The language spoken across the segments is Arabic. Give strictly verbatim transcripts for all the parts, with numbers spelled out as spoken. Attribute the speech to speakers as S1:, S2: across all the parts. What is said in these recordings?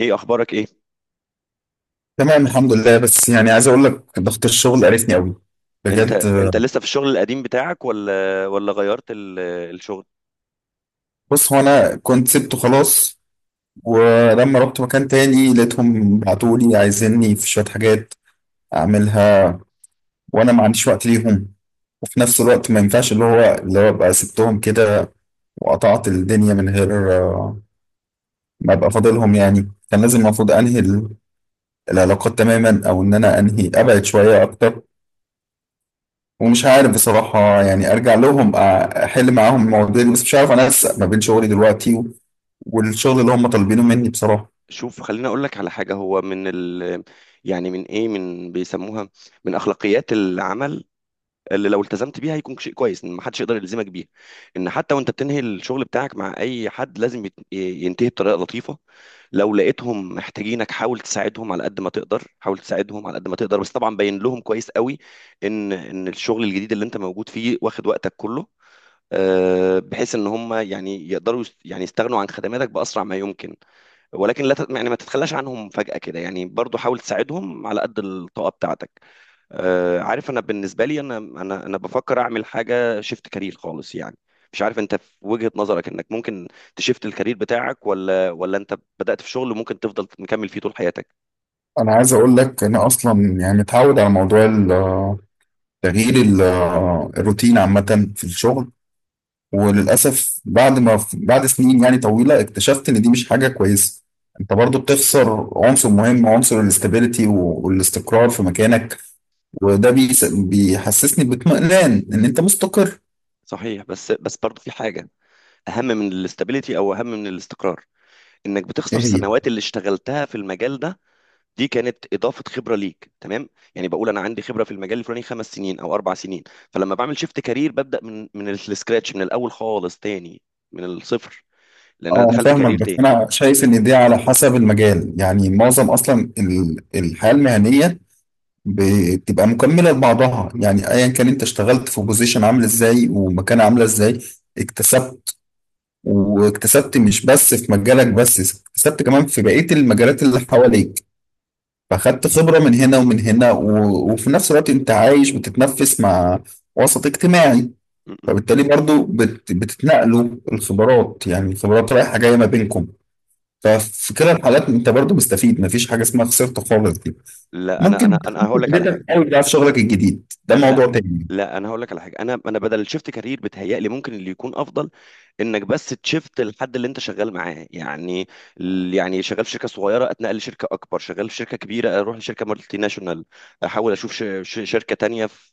S1: ايه اخبارك؟ ايه
S2: تمام، الحمد لله. بس يعني عايز اقول لك ضغط الشغل قرفني قوي
S1: انت
S2: بجد آه،
S1: انت لسه في الشغل القديم بتاعك، ولا ولا غيرت ال- الشغل؟
S2: بص، هو انا كنت سبته خلاص، ولما رحت مكان تاني لقيتهم بعتولي عايزيني في شوية حاجات اعملها، وانا ما عنديش وقت ليهم. وفي نفس الوقت ما ينفعش اللي هو اللي هو ابقى سبتهم كده وقطعت الدنيا من غير آه، ما ابقى فاضلهم. يعني كان لازم، المفروض انهي ال- العلاقات تماما، او ان انا انهي ابعد شوية اكتر. ومش عارف بصراحة، يعني أرجع لهم أ- أحل معاهم المواضيع دي، بس مش عارف أنسق ما بين شغلي دلوقتي و- والشغل اللي هم طالبينه مني بصراحة.
S1: شوف، خليني اقول لك على حاجه. هو من ال يعني من ايه من بيسموها من اخلاقيات العمل، اللي لو التزمت بيها هيكون شيء كويس ان محدش يقدر يلزمك بيها. ان حتى وانت بتنهي الشغل بتاعك مع اي حد، لازم يت- ينتهي بطريقه لطيفه. لو لقيتهم محتاجينك، حاول تساعدهم على قد ما تقدر، حاول تساعدهم على قد ما تقدر، بس طبعا بين لهم كويس قوي ان ان الشغل الجديد اللي انت موجود فيه واخد وقتك كله، آه، بحيث ان هم يعني يقدروا يست- يعني يستغنوا عن خدماتك باسرع ما يمكن. ولكن لا ت- يعني ما تتخلاش عنهم فجأة كده، يعني برضو حاول تساعدهم على قد الطاقة بتاعتك. آه، عارف، انا بالنسبة لي، انا انا انا بفكر اعمل حاجة شيفت كارير خالص يعني. مش عارف انت، في وجهة نظرك، انك ممكن تشيفت الكارير بتاعك، ولا ولا انت بدأت في شغل ممكن تفضل مكمل فيه طول حياتك؟
S2: أنا عايز أقول لك، أنا أصلا يعني متعود على موضوع ال- تغيير ال- الروتين عامة في الشغل. وللأسف بعد ما بعد سنين يعني طويلة اكتشفت إن دي مش حاجة كويسة. أنت برضو بتخسر عنصر مهم، عنصر الاستابيليتي والاستقرار في مكانك. وده بيس- بيحسسني باطمئنان إن أنت مستقر.
S1: صحيح، بس بس برضو في حاجة اهم من الاستابيليتي او اهم من الاستقرار. انك بتخسر السنوات اللي اشتغلتها في المجال ده. دي كانت اضافه خبره ليك، تمام؟ يعني بقول انا عندي خبره في المجال الفلاني خمس سنين او اربع سنين. فلما بعمل شيفت كارير، ببدا من من السكراتش، من الاول خالص تاني، من الصفر، لان انا
S2: اه انا
S1: دخلت
S2: فاهمك،
S1: كارير
S2: بس
S1: تاني.
S2: انا شايف ان دي على حسب المجال. يعني معظم اصلا ال- الحياه المهنيه بتبقى مكمله لبعضها. يعني ايا كان انت اشتغلت في بوزيشن عامل ازاي ومكانه عامله ازاي، اكتسبت، واكتسبت مش بس في مجالك، بس اكتسبت كمان في بقيه المجالات اللي حواليك. فاخدت خبره من هنا ومن هنا و... وفي نفس الوقت انت عايش بتتنفس مع وسط اجتماعي.
S1: م- م.
S2: فبالتالي برضو بت... بتتنقلوا الخبرات. يعني الخبرات رايحه جايه ما بينكم. ففي كلا الحالات انت برضو مستفيد، مفيش حاجه اسمها خسرت خالص. دي
S1: لا انا انا
S2: ممكن
S1: انا
S2: تكون في
S1: هقول لك على حاجه
S2: بدايتك قوي بقى في شغلك الجديد، ده
S1: انا لا
S2: موضوع تاني.
S1: لا، انا هقول لك على حاجه. انا انا بدل الشيفت كارير، بتهيألي ممكن اللي يكون افضل انك بس تشيفت الحد اللي انت شغال معاه، يعني ال- يعني شغال في شركه صغيره اتنقل لشركه اكبر، شغال في شركه كبيره اروح لشركه مالتي ناشونال، احاول اشوف ش- ش- شركه تانية في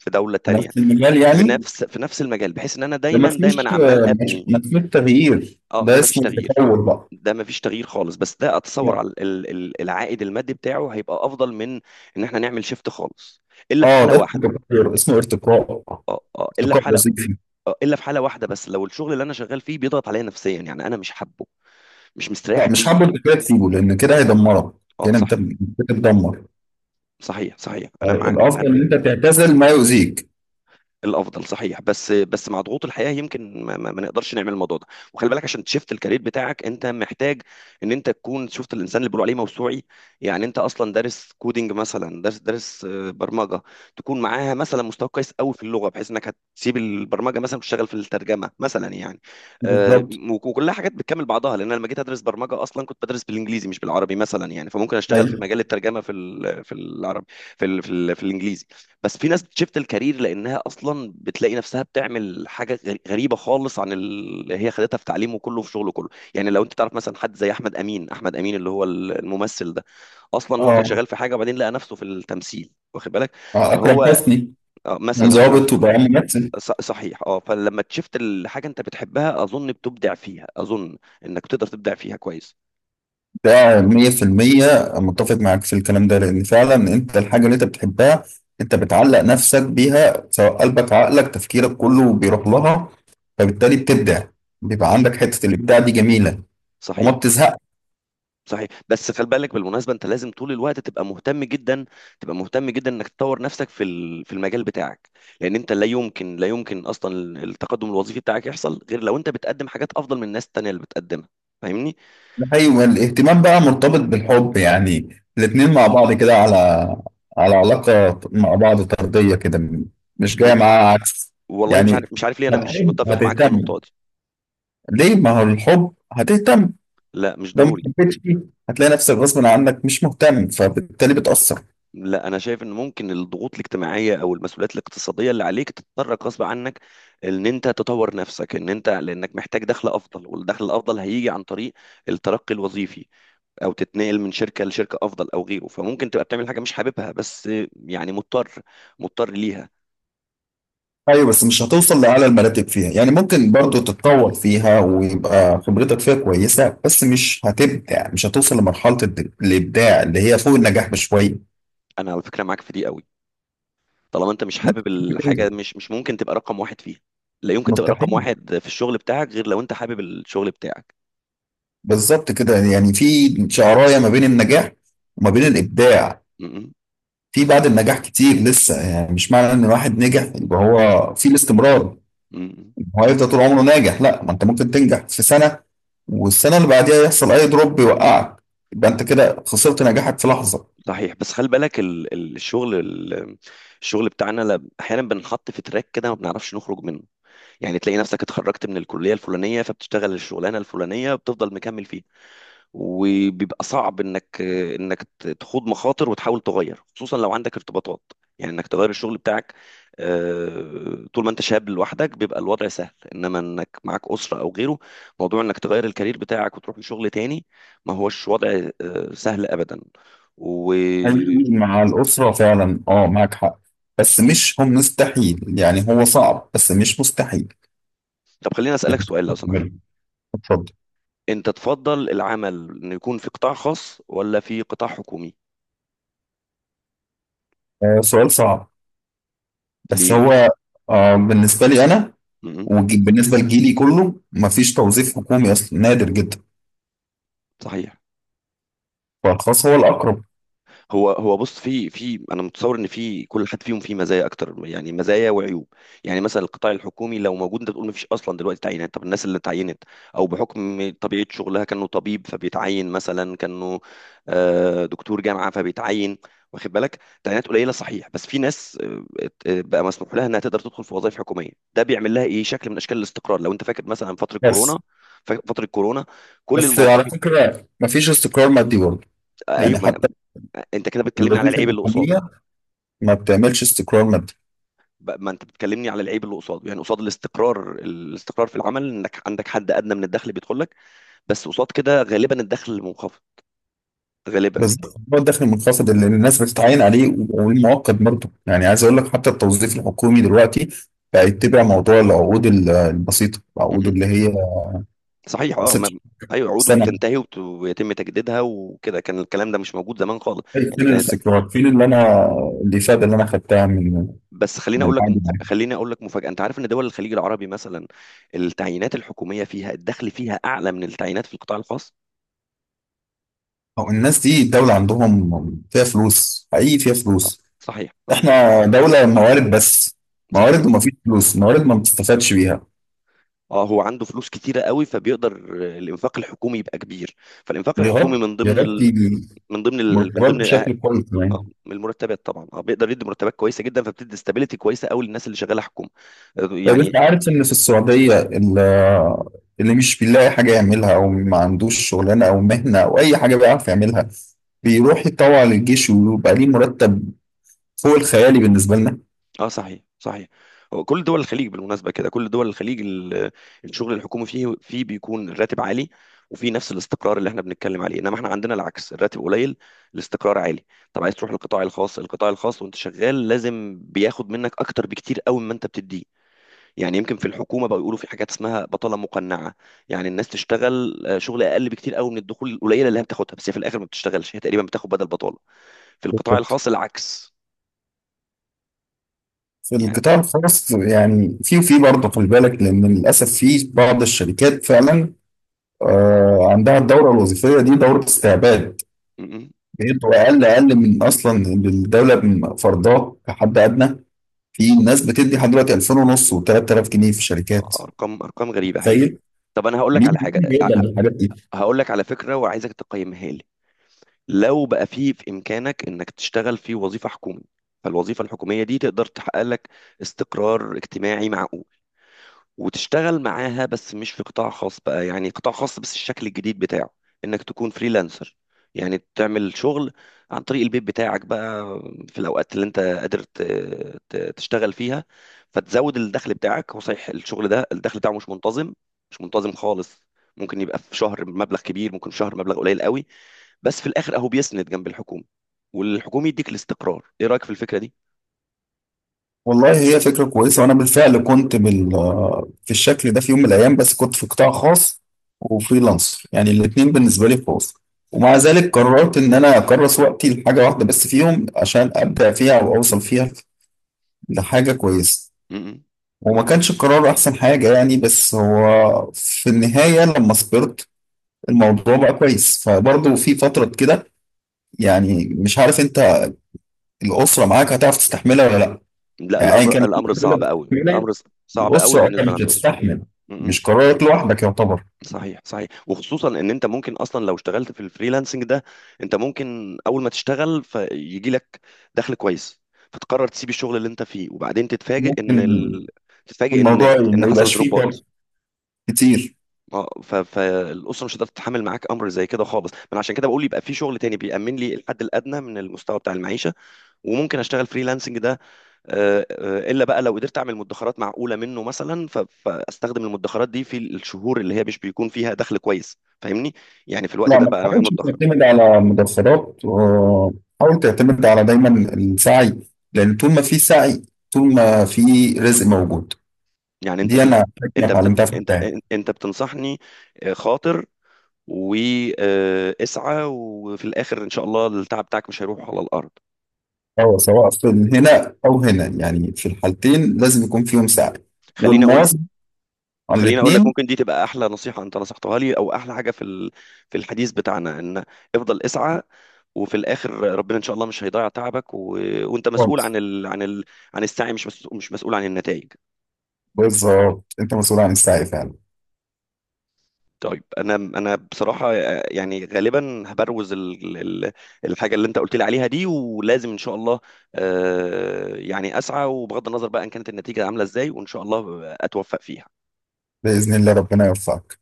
S1: في دوله
S2: في
S1: تانية.
S2: نفس المجال
S1: في
S2: يعني.
S1: نفس في نفس المجال، بحيث ان انا
S2: ده ما
S1: دايما
S2: اسموش
S1: دايما عمال ابني.
S2: ما اسموش تغيير،
S1: اه، ده
S2: ده
S1: مفيش
S2: اسمه
S1: تغيير.
S2: تطور بقى.
S1: ده مفيش تغيير خالص، بس ده
S2: لا.
S1: اتصور على ال- ال- العائد المادي بتاعه هيبقى افضل من ان احنا نعمل شيفت خالص، الا في
S2: اه،
S1: حاله
S2: ده اسمه
S1: واحده.
S2: تطور، اسمه ارتقاء.
S1: اه، اه، الا في
S2: ارتقاء
S1: حاله،
S2: وظيفي.
S1: آه، الا في حاله واحده، بس لو الشغل اللي انا شغال فيه بيضغط عليا نفسيا، يعني انا مش حابه، مش مستريح
S2: لا مش
S1: فيه.
S2: حابب الارتقاء تسيبه، لان كده هيدمرك.
S1: اه،
S2: يعني انت
S1: صحيح.
S2: بتتدمر.
S1: صحيح، صحيح انا معاك.
S2: الافضل ان انت تعتزل ما يؤذيك.
S1: الافضل، صحيح، بس بس مع ضغوط الحياه يمكن ما, ما, ما نقدرش نعمل الموضوع ده. وخلي بالك، عشان تشفت الكارير بتاعك انت محتاج ان انت تكون شفت الانسان اللي بيقولوا عليه موسوعي. يعني انت اصلا دارس كودينج مثلا، دارس دارس آه، برمجه، تكون معاها مثلا مستوى كويس قوي في اللغه، بحيث انك هتسيب البرمجه مثلا وتشتغل في الترجمه مثلا يعني. آه،
S2: بالظبط.
S1: وك- وكلها حاجات بتكمل بعضها، لان انا لما جيت ادرس برمجه اصلا كنت بدرس بالانجليزي مش بالعربي مثلا يعني، فممكن اشتغل في
S2: ايوه.
S1: مجال الترجمه في ال- في العربي، في ال- في ال- في الانجليزي. بس في ناس بتشفت الكارير لانها اصلا بتلاقي نفسها بتعمل حاجه غ- غريبه خالص عن اللي هي خدتها في تعليمه كله، في شغله كله. يعني لو انت تعرف مثلا حد زي احمد امين، احمد امين اللي هو ال- الممثل ده، اصلا هو كان
S2: اه.
S1: شغال في حاجه وبعدين لقى نفسه في التمثيل، واخد بالك؟
S2: آه، اكرم
S1: فهو
S2: حسني.
S1: آه،
S2: كان
S1: مثلا اكرم.
S2: ظابط وبقى ممثل.
S1: ص- صحيح، اه. فلما تشفت الحاجه انت بتحبها، اظن بتبدع فيها، اظن انك تقدر تبدع فيها كويس.
S2: ده مية في المية متفق معاك في الكلام ده، لأن فعلا أنت الحاجة اللي أنت بتحبها أنت بتعلق نفسك بيها، سواء قلبك عقلك تفكيرك كله بيروح لها. فبالتالي بتبدع، بيبقى عندك حتة الإبداع دي جميلة وما
S1: صحيح.
S2: بتزهقش.
S1: صحيح، بس خلي بالك بالمناسبه، انت لازم طول الوقت تبقى مهتم جدا، تبقى مهتم جدا انك تطور نفسك في ال- في المجال بتاعك. لان انت لا يمكن لا يمكن اصلا التقدم الوظيفي بتاعك يحصل غير لو انت بتقدم حاجات افضل من الناس التانيه اللي بتقدمها. فاهمني؟
S2: أيوة. الاهتمام بقى مرتبط بالحب يعني، الاتنين مع بعض كده، على على علاقة مع بعض طردية كده، مش
S1: و-
S2: جاية معاها عكس.
S1: والله مش
S2: يعني
S1: عارف، مش عارف ليه انا مش
S2: هتحب
S1: متفق معاك في النقطه
S2: هتهتم.
S1: دي.
S2: ليه؟ ما هو الحب هتهتم،
S1: لا، مش
S2: لو ما
S1: ضروري.
S2: حبيتش فيه هتلاقي نفسك غصب عنك مش مهتم، فبالتالي بتأثر.
S1: لا، انا شايف ان ممكن الضغوط الاجتماعيه او المسؤوليات الاقتصاديه اللي عليك تضطرك غصب عنك ان انت تطور نفسك، ان انت لانك محتاج دخل افضل، والدخل الافضل هيجي عن طريق الترقي الوظيفي، او تتنقل من شركه لشركه افضل او غيره. فممكن تبقى بتعمل حاجه مش حاببها، بس يعني مضطر، مضطر ليها.
S2: ايوه بس مش هتوصل لأعلى المراتب فيها. يعني ممكن برضو تتطور فيها، ويبقى خبرتك فيها كويسة، بس مش هتبدع، مش هتوصل لمرحلة الد- الإبداع اللي هي فوق النجاح بشوية.
S1: انا على فكره معاك في دي قوي. طالما انت مش
S2: الناس
S1: حابب
S2: كتير
S1: الحاجه،
S2: كده.
S1: مش مش ممكن تبقى رقم واحد فيها. لا يمكن تبقى رقم
S2: مستحيل.
S1: واحد في الشغل بتاعك غير لو انت حابب الشغل بتاعك.
S2: بالظبط كده. يعني في شعراية ما بين النجاح وما بين الإبداع.
S1: م- م-
S2: في بعد النجاح كتير لسه. يعني مش معنى ان الواحد نجح يبقى هو في الاستمرار،
S1: م-
S2: هو هيفضل طول عمره ناجح. لا، ما انت ممكن تنجح في سنة والسنة اللي بعديها يحصل أي دروب يوقعك، يبقى أنت كده خسرت نجاحك في لحظة.
S1: صحيح. بس خلي بالك ال- ال- الشغل ال- الشغل بتاعنا لا- احيانا بنحط في تراك كده ما بنعرفش نخرج منه. يعني تلاقي نفسك اتخرجت من الكليه الفلانيه، فبتشتغل الشغلانه الفلانيه، بتفضل مكمل فيها، وبيبقى صعب انك انك ت- تخوض مخاطر وتحاول تغير، خصوصا لو عندك ارتباطات، يعني انك تغير الشغل بتاعك. آه، طول ما انت شاب لوحدك بيبقى الوضع سهل، انما انك معاك اسره او غيره، موضوع انك تغير الكارير بتاعك وتروح لشغل تاني، ما هوش وضع آه، سهل ابدا. و
S2: حقيقي، مع الأسرة فعلا أه معاك حق. بس مش هم مستحيل، يعني هو صعب بس مش مستحيل،
S1: طب خليني اسالك
S2: يعني
S1: سؤال لو
S2: تقدر
S1: سمحت.
S2: تعمله. اتفضل.
S1: انت تفضل العمل انه يكون في قطاع خاص ولا في قطاع حكومي؟
S2: آه، سؤال صعب. بس
S1: ليه؟
S2: هو آه بالنسبة لي أنا
S1: م- م.
S2: وبالنسبة لجيلي كله مفيش توظيف حكومي أصلا، نادر جدا.
S1: صحيح.
S2: فالخاص هو الأقرب.
S1: هو، هو بص، في في انا متصور ان في كل حد فيهم فيه مزايا اكتر، يعني مزايا وعيوب. يعني مثلا القطاع الحكومي لو موجود، انت تقول ما فيش اصلا دلوقتي تعيينات. طب الناس اللي اتعينت، او بحكم طبيعه شغلها كانه طبيب فبيتعين مثلا، كانه آه، دكتور جامعه فبيتعين، واخد بالك؟ تعيينات قليله، صحيح، بس في ناس آه، ات- آه، بقى مسموح لها انها تقدر تدخل في وظائف حكوميه. ده بيعمل لها ايه؟ شكل من اشكال الاستقرار. لو انت فاكر مثلا فتره
S2: بس
S1: كورونا، ف- فتره كورونا، كل
S2: بس على
S1: الموظفين.
S2: فكرة مفيش استقرار مادي برضه. يعني
S1: ايوه. ما
S2: حتى
S1: أنا- انت كده بتكلمني على
S2: الوظيفة
S1: العيب اللي قصاد.
S2: الحكومية ما بتعملش استقرار مادي.
S1: ب- ما انت بتكلمني على العيب اللي قصاده، يعني قصاد الاستقرار. الاستقرار في العمل انك عندك حد ادنى من الدخل بيدخل لك، بس قصاد كده غالبا الدخل منخفض، غالبا.
S2: بس هو الدخل المنخفض اللي الناس بتتعين عليه والمؤقت برضه. يعني عايز اقول لك حتى التوظيف الحكومي دلوقتي بقى يتبع موضوع العقود ال- البسيطه، العقود
S1: م-م.
S2: اللي هي
S1: صحيح، اه،
S2: ست شهور،
S1: ما... ايوه، عقوده
S2: سنه
S1: بتنتهي وبت... ويتم تجديدها، وكده. كان الكلام ده مش موجود زمان خالص.
S2: إيه،
S1: يعني
S2: فين
S1: كانت.
S2: الاستقرار؟ فين اللي انا الافاده اللي انا خدتها من
S1: بس خليني
S2: من
S1: اقول لك،
S2: عادي معايا؟
S1: خليني اقول لك مفاجاه. انت عارف ان دول الخليج العربي مثلا التعيينات الحكوميه فيها، الدخل فيها اعلى من التعيينات في القطاع الخاص؟
S2: او الناس دي الدوله عندهم فيها فلوس، حقيقي فيها
S1: آه،
S2: فلوس.
S1: صحيح، اه.
S2: احنا دوله موارد بس،
S1: صحيح،
S2: موارد وما فيش فلوس، موارد ما بتستفادش بيها.
S1: اه. هو عنده فلوس كتيرة قوي، فبيقدر الانفاق الحكومي يبقى كبير. فالانفاق
S2: يا
S1: الحكومي
S2: رب
S1: من
S2: يا
S1: ضمن
S2: رب
S1: ال...
S2: يجي
S1: من ضمن ال... من
S2: مرتبات
S1: ضمن الأه-
S2: بشكل كويس
S1: آه،
S2: يعني.
S1: من المرتبات طبعا، اه، بيقدر يدي مرتبات كويسة جدا، فبتدي استابيليتي كويسة قوي للناس اللي شغالة حكومة، آه،
S2: طيب انت
S1: يعني.
S2: عارف ان في السعودية، ال- اللي مش بيلاقي حاجة يعملها او ما عندوش شغلانة او مهنة او اي حاجة بيعرف يعملها، بيروح يتطوع للجيش ويبقى ليه مرتب فوق الخيالي بالنسبة لنا.
S1: اه، صحيح، صحيح. هو كل دول الخليج بالمناسبة كده، كل دول الخليج ال... الشغل الحكومي فيه، فيه بيكون الراتب عالي، وفي نفس الاستقرار اللي احنا بنتكلم عليه. انما احنا عندنا العكس، الراتب قليل، الاستقرار عالي. طب عايز تروح للقطاع الخاص؟ القطاع الخاص وانت شغال لازم بياخد منك اكتر بكتير قوي مما انت بتديه. يعني يمكن في الحكومه بقى يقولوا في حاجات اسمها بطاله مقنعه، يعني الناس تشتغل آه، شغل اقل بكتير قوي من الدخول القليله اللي هي بتاخدها، بس هي في الاخر ما بتشتغلش، هي تقريبا بتاخد بدل بطاله. في القطاع
S2: بالظبط.
S1: الخاص العكس،
S2: في
S1: يعني.
S2: القطاع الخاص، يعني في وفي برضه خلي بالك، لان للاسف في بعض الشركات فعلا آه، عندها الدورة الوظيفية دي دورة استعباد.
S1: م- م.
S2: بيدوا اقل، اقل من اصلا الدولة من فرضاه كحد ادنى. في ناس بتدي لحد دلوقتي ألفين ونص و3000 جنيه في الشركات.
S1: آه، ارقام، ارقام غريبه هي.
S2: تخيل.
S1: طب انا هقول لك
S2: مين
S1: على حاجه،
S2: مين هيقبل بالحاجات دي؟
S1: هقول لك على فكره وعايزك تقيمها لي. لو بقى في في امكانك انك تشتغل في وظيفه حكومي، فالوظيفه الحكوميه دي تقدر تحقق لك استقرار اجتماعي معقول، وتشتغل معاها بس مش في قطاع خاص بقى، يعني قطاع خاص بس الشكل الجديد بتاعه، انك تكون فريلانسر. يعني تعمل شغل عن طريق البيت بتاعك بقى، في الاوقات اللي انت قادر ت- ت- تشتغل فيها، فتزود الدخل بتاعك. هو صحيح الشغل ده الدخل بتاعه مش منتظم، مش منتظم خالص. ممكن يبقى في شهر مبلغ كبير، ممكن في شهر مبلغ قليل قوي، بس في الاخر اهو بيسند جنب الحكومة، والحكومة يديك الاستقرار. ايه رأيك في الفكرة دي؟
S2: والله هي فكره كويسه، وانا بالفعل كنت بال في الشكل ده في يوم من الايام، بس كنت في قطاع خاص وفريلانسر، يعني الاثنين بالنسبه لي خاص. ومع
S1: م-
S2: ذلك قررت ان انا اكرس وقتي لحاجه واحده بس فيهم عشان ابدع فيها او اوصل فيها لحاجه كويسه.
S1: م- م.
S2: وما كانش القرار احسن حاجه يعني، بس هو في النهايه لما صبرت الموضوع بقى كويس. فبرضه في فتره كده، يعني مش عارف انت الاسره معاك هتعرف تستحملها ولا لا؟
S1: لا،
S2: يعني أيا
S1: الامر
S2: كان
S1: الامر
S2: اللي
S1: صعب قوي.
S2: بتستحمله،
S1: الامر ص- صعب قوي
S2: الأسرة هي
S1: بالنسبه
S2: اللي
S1: لعند اسره.
S2: بتستحمل،
S1: م-م.
S2: مش قرارك لوحدك يعتبر.
S1: صحيح، صحيح، وخصوصا ان انت ممكن اصلا لو اشتغلت في الفريلانسنج ده، انت ممكن اول ما تشتغل فيجي لك دخل كويس، فتقرر تسيب الشغل اللي انت فيه، وبعدين تتفاجئ ان
S2: ممكن
S1: ال... تتفاجئ ان
S2: الموضوع
S1: ان
S2: ما
S1: حصل
S2: يبقاش فيه
S1: دروبات.
S2: فرق كتير.
S1: اه، ف... فالاسره مش هتقدر تتحمل معاك امر زي كده خالص. من عشان كده بقول يبقى في شغل تاني بيأمن لي الحد الادنى من المستوى بتاع المعيشه، وممكن اشتغل فريلانسنج ده آه، آه، الا بقى لو قدرت اعمل مدخرات معقوله منه مثلا، ف- فاستخدم المدخرات دي في الشهور اللي هي مش بيكون فيها دخل كويس. فاهمني؟ يعني في الوقت
S2: لا
S1: ده
S2: ما
S1: بقى انا معايا
S2: تحاولش
S1: مدخره.
S2: تعتمد على مدخرات آه، حاول تعتمد على دايما السعي، لأن طول ما في سعي، طول ما في رزق موجود.
S1: يعني انت
S2: دي
S1: في الأ...
S2: أنا حكمة
S1: انت بت...
S2: اتعلمتها في
S1: انت
S2: الحياة.
S1: انت بتنصحني آه، خاطر واسعى، وفي الاخر ان شاء الله التعب بتاعك مش هيروح على الارض.
S2: أو سواء في هنا أو هنا، يعني في الحالتين لازم يكون فيهم سعي
S1: خليني اقول
S2: والمواظبة على
S1: خليني اقول لك،
S2: الاتنين.
S1: ممكن دي تبقى احلى نصيحه انت نصحتها لي، او احلى حاجه في ال... في الحديث بتاعنا، ان افضل اسعى، وفي الاخر ربنا ان شاء الله مش هيضيع تعبك، و... وانت مسؤول
S2: خالص.
S1: عن ال... عن ال... عن السعي، مش مسؤول... مش مسؤول عن النتائج.
S2: بالظبط، أنت مسؤول عن السعي فعلا.
S1: طيب، انا، انا بصراحه آه، يعني غالبا هبروز ال... ال- الحاجه اللي انت قلت لي عليها دي، ولازم ان شاء الله آه، يعني اسعى، وبغض النظر بقى ان كانت النتيجه عامله ازاي، وان شاء الله اتوفق فيها.
S2: بإذن الله ربنا يوفقك.